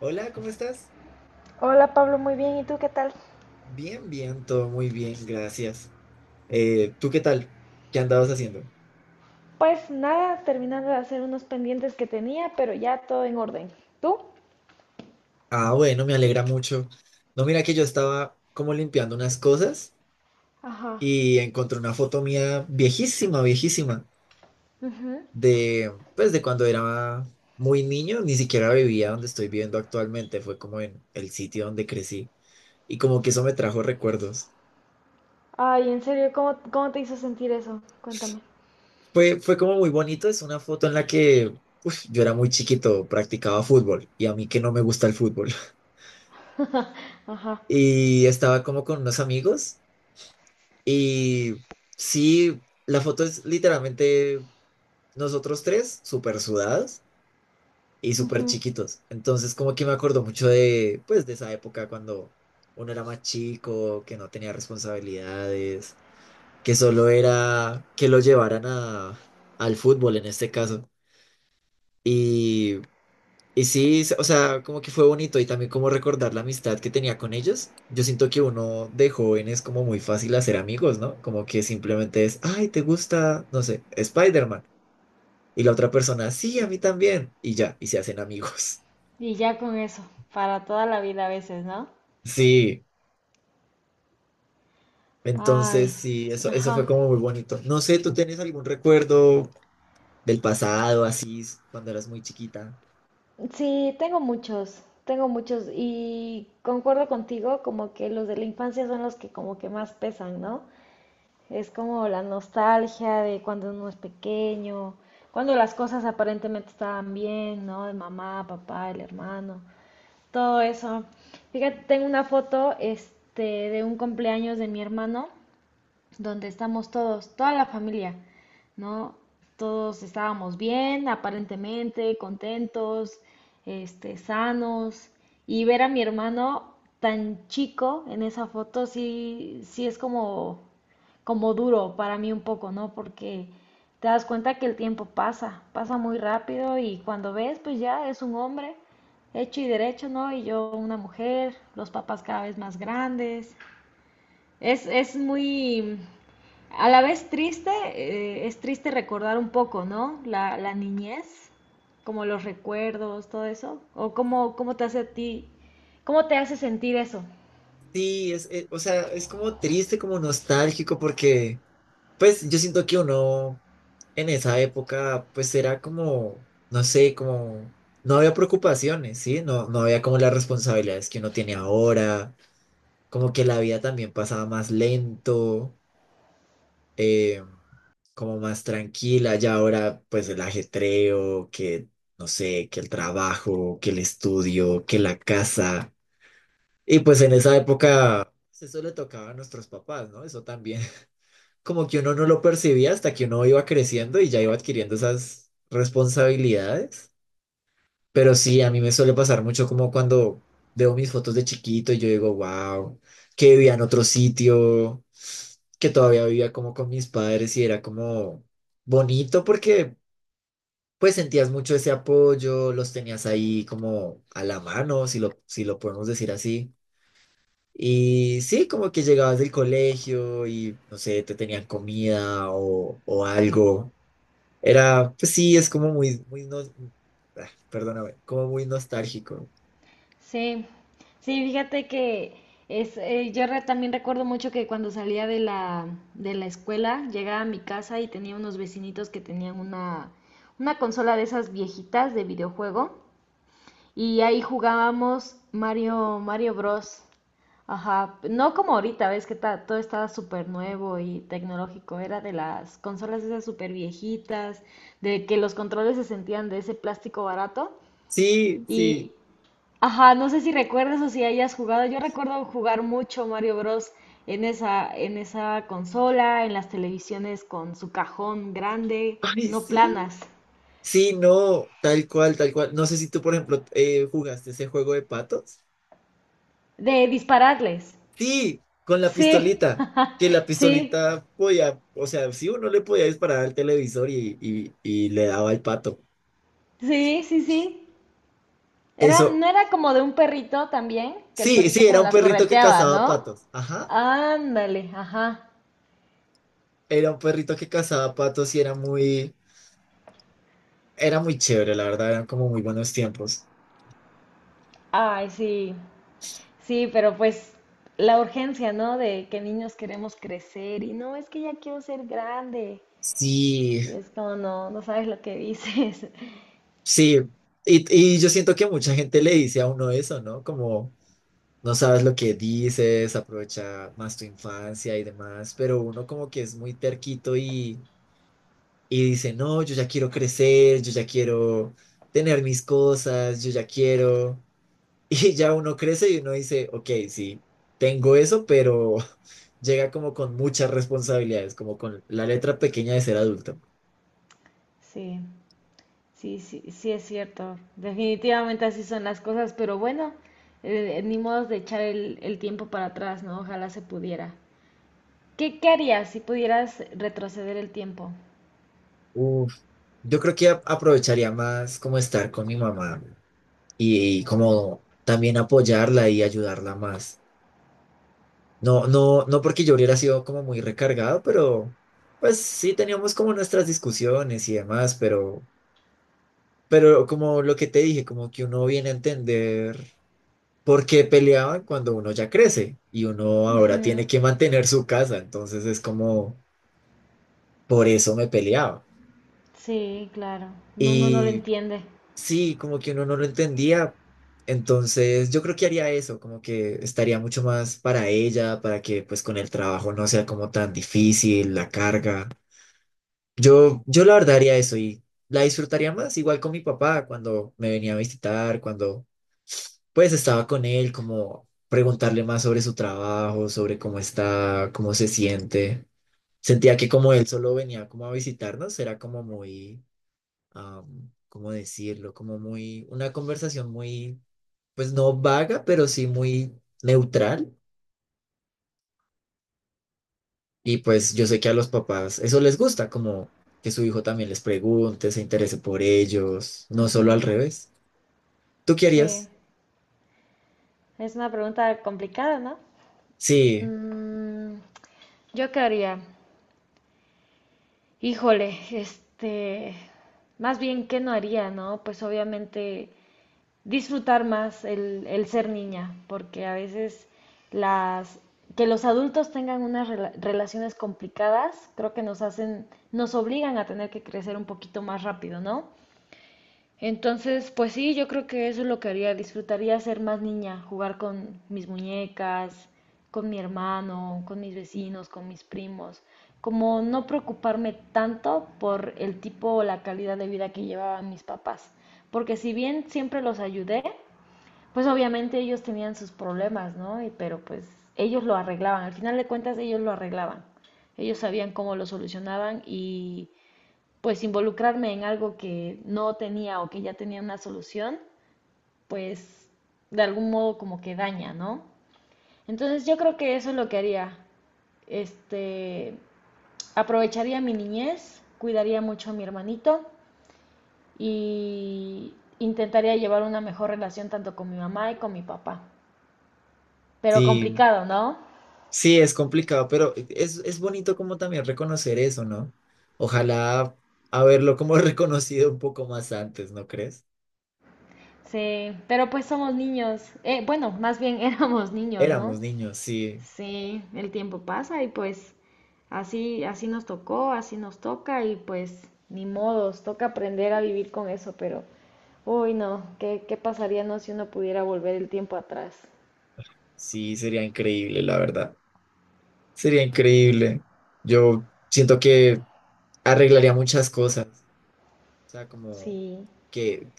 Hola, ¿cómo estás? Hola Pablo, muy bien. ¿Y tú qué tal? Bien, bien, todo muy bien, gracias. ¿Tú qué tal? ¿Qué andabas haciendo? Pues nada, terminando de hacer unos pendientes que tenía, pero ya todo en orden. ¿Tú? Ah, bueno, me alegra mucho. No, mira que yo estaba como limpiando unas cosas Ajá. y encontré una foto mía viejísima, viejísima, Ujú. de pues de cuando era muy niño, ni siquiera vivía donde estoy viviendo actualmente, fue como en el sitio donde crecí y como que eso me trajo recuerdos. Ay, en serio, ¿cómo te hizo sentir eso? Cuéntame. Fue como muy bonito, es una foto en la que yo era muy chiquito, practicaba fútbol y a mí que no me gusta el fútbol. Ajá. Y estaba como con unos amigos y sí, la foto es literalmente nosotros tres súper sudados y súper Ujú. chiquitos. Entonces como que me acuerdo mucho de pues de esa época cuando uno era más chico, que no tenía responsabilidades, que solo era que lo llevaran a, al fútbol en este caso. Y y sí, o sea, como que fue bonito y también como recordar la amistad que tenía con ellos. Yo siento que uno de joven es como muy fácil hacer amigos, ¿no? Como que simplemente es, ay, ¿te gusta, no sé, Spider-Man? Y la otra persona, sí, a mí también. Y ya, y se hacen amigos. Y ya con eso, para toda la vida a veces, ¿no? Sí, entonces Ay, sí, eso fue ajá. como muy bonito. No sé, ¿tú tienes algún recuerdo del pasado, así, cuando eras muy chiquita? Sí, tengo muchos y concuerdo contigo como que los de la infancia son los que como que más pesan, ¿no? Es como la nostalgia de cuando uno es pequeño, cuando las cosas aparentemente estaban bien, ¿no? De mamá, papá, el hermano, todo eso. Fíjate, tengo una foto, este, de un cumpleaños de mi hermano donde estamos todos, toda la familia, ¿no? Todos estábamos bien, aparentemente, contentos, este, sanos. Y ver a mi hermano tan chico en esa foto sí, sí es como, duro para mí un poco, ¿no? Porque te das cuenta que el tiempo pasa, pasa muy rápido y cuando ves, pues ya es un hombre hecho y derecho, ¿no? Y yo una mujer, los papás cada vez más grandes, es muy, a la vez triste, es triste recordar un poco, ¿no? La niñez, como los recuerdos, todo eso, o cómo te hace a ti, cómo te hace sentir eso. Sí, es, o sea, es como triste, como nostálgico, porque, pues, yo siento que uno en esa época, pues era como, no sé, como, no había preocupaciones, ¿sí? No, no había como las responsabilidades que uno tiene ahora, como que la vida también pasaba más lento, eh, como más tranquila, ya ahora pues el ajetreo, que, no sé, que el trabajo, que el estudio, que la casa, y pues en esa época pues, eso le tocaba a nuestros papás, ¿no? Eso también. Como que uno no lo percibía hasta que uno iba creciendo y ya iba adquiriendo esas responsabilidades. Pero sí, a mí me suele pasar mucho como cuando veo mis fotos de chiquito y yo digo, wow, que vivía en otro sitio, que todavía vivía como con mis padres y era como bonito porque pues sentías mucho ese apoyo, los tenías ahí como a la mano, si lo podemos decir así. Y sí, como que llegabas del colegio y, no sé, te tenían comida o algo. Era, pues sí, es como muy, muy, no ah, perdóname, como muy nostálgico. Sí, sí, fíjate que es, yo también recuerdo mucho que cuando salía de la, escuela, llegaba a mi casa y tenía unos vecinitos que tenían una, consola de esas viejitas de videojuego. Y ahí jugábamos Mario Bros. Ajá, no como ahorita, ves que todo estaba súper nuevo y tecnológico, era de las consolas esas súper viejitas, de que los controles se sentían de ese plástico barato. Sí, Y, sí. ajá, no sé si recuerdas o si hayas jugado, yo recuerdo jugar mucho Mario Bros. en esa consola, en las televisiones con su cajón grande, Ay, no sí. planas, Sí, no, tal cual, tal cual. No sé si tú, por ejemplo, jugaste ese juego de patos. de dispararles. Sí, con la Sí, pistolita. Que la sí. pistolita podía, o sea, sí, uno le podía disparar al televisor y, y le daba al pato. Sí, sí, sí. Eso, No era como de un perrito también, que el sí, sí, perrito era como un las perrito que correteaba, cazaba ¿no? patos. Ajá. Ándale, ajá. Era un perrito que cazaba patos y era muy chévere, la verdad, eran como muy buenos tiempos. Ay, sí. Sí, pero pues la urgencia, ¿no? De que niños queremos crecer y no, es que ya quiero ser grande. Sí, Y es como, no, no sabes lo que dices. sí. Y yo siento que mucha gente le dice a uno eso, ¿no? Como no sabes lo que dices, aprovecha más tu infancia y demás, pero uno como que es muy terquito y dice, no, yo ya quiero crecer, yo ya quiero tener mis cosas, yo ya quiero. Y ya uno crece y uno dice, ok, sí, tengo eso, pero llega como con muchas responsabilidades, como con la letra pequeña de ser adulto. Sí, sí, sí, sí es cierto. Definitivamente así son las cosas, pero bueno, ni modo de echar el, tiempo para atrás, ¿no? Ojalá se pudiera. ¿Qué harías si pudieras retroceder el tiempo? Uf, yo creo que aprovecharía más como estar con mi mamá y, como también apoyarla y ayudarla más. No, no, no porque yo hubiera sido como muy recargado, pero pues sí teníamos como nuestras discusiones y demás, pero como lo que te dije, como que uno viene a entender. Porque peleaban cuando uno ya crece y uno ahora tiene Ujú. que mantener su casa, entonces es como, por eso me peleaba. Sí, claro. Uno no lo Y entiende. sí, como que uno no lo entendía, entonces yo creo que haría eso, como que estaría mucho más para ella, para que pues con el trabajo no sea como tan difícil la carga. Yo la verdad haría eso y la disfrutaría más, igual con mi papá cuando me venía a visitar, cuando pues estaba con él, como preguntarle más sobre su trabajo, sobre cómo está, cómo se siente. Sentía que como él solo venía como a visitarnos, era como muy, ¿cómo decirlo? Como muy, una conversación muy, pues no vaga, pero sí muy neutral. Y pues yo sé que a los papás eso les gusta, como que su hijo también les pregunte, se interese por ellos, no solo al Ujú. revés. ¿Tú Sí. querías? Es una pregunta complicada, ¿no? Sí, Mm, ¿Yo qué haría? Híjole, este, más bien, ¿qué no haría, no? Pues obviamente disfrutar más el ser niña, porque a veces las, que los adultos tengan unas relaciones complicadas, creo que nos hacen, nos obligan a tener que crecer un poquito más rápido, ¿no? Entonces, pues sí, yo creo que eso es lo que haría. Disfrutaría ser más niña, jugar con mis muñecas, con mi hermano, con mis vecinos, con mis primos. Como no preocuparme tanto por el tipo o la calidad de vida que llevaban mis papás. Porque si bien siempre los ayudé, pues obviamente ellos tenían sus problemas, ¿no? Pero pues ellos lo arreglaban. Al final de cuentas, ellos lo arreglaban. Ellos sabían cómo lo solucionaban y pues involucrarme en algo que no tenía o que ya tenía una solución, pues de algún modo como que daña, ¿no? Entonces yo creo que eso es lo que haría. Este, aprovecharía mi niñez, cuidaría mucho a mi hermanito y intentaría llevar una mejor relación tanto con mi mamá y con mi papá. Pero sí, complicado, ¿no? sí, es complicado, pero es bonito como también reconocer eso, ¿no? Ojalá haberlo como reconocido un poco más antes, ¿no crees? Sí, pero pues somos niños. Bueno, más bien éramos niños, ¿no? Éramos niños, sí, Sí, el tiempo pasa y pues así nos tocó, así nos toca y pues ni modos, toca aprender a vivir con eso, pero uy no, ¿qué pasaría no si uno pudiera volver el tiempo atrás? sí, sería increíble, la verdad. Sería increíble. Yo siento que arreglaría muchas cosas. O sea, como Sí, que,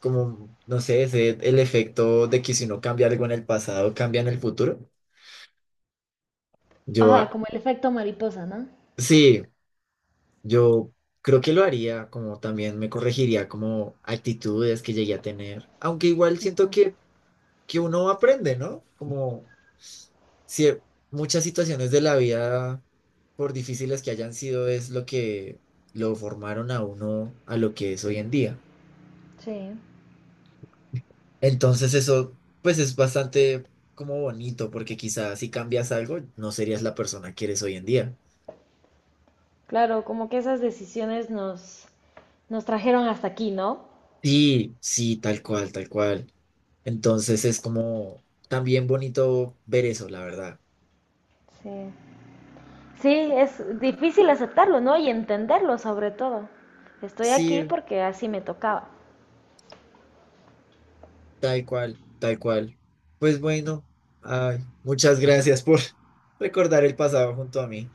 como, no sé, ese, el efecto de que si uno cambia algo en el pasado, cambia en el futuro. Yo, ajá, ah, como el efecto mariposa, ¿no? sí. Yo creo que lo haría, como también me corregiría como actitudes que llegué a tener, aunque igual siento que uno aprende, ¿no? Como si e, muchas situaciones de la vida, por difíciles que hayan sido, es lo que lo formaron a uno a lo que es hoy en día. Sí. Entonces eso, pues es bastante como bonito, porque quizás si cambias algo, no serías la persona que eres hoy en día. Claro, como que esas decisiones nos trajeron hasta aquí, ¿no? Sí, sí, tal cual, tal cual. Entonces es como también bonito ver eso, la verdad. Sí. Sí, es difícil aceptarlo, ¿no? Y entenderlo sobre todo. Estoy aquí Sí, porque así me tocaba. tal cual, tal cual. Pues bueno, ay, muchas gracias por recordar el pasado junto a mí.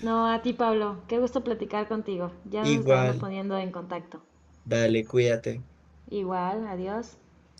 No, a ti, Pablo. Qué gusto platicar contigo. Ya nos estaremos Igual, poniendo en contacto. dale, cuídate. Igual, adiós.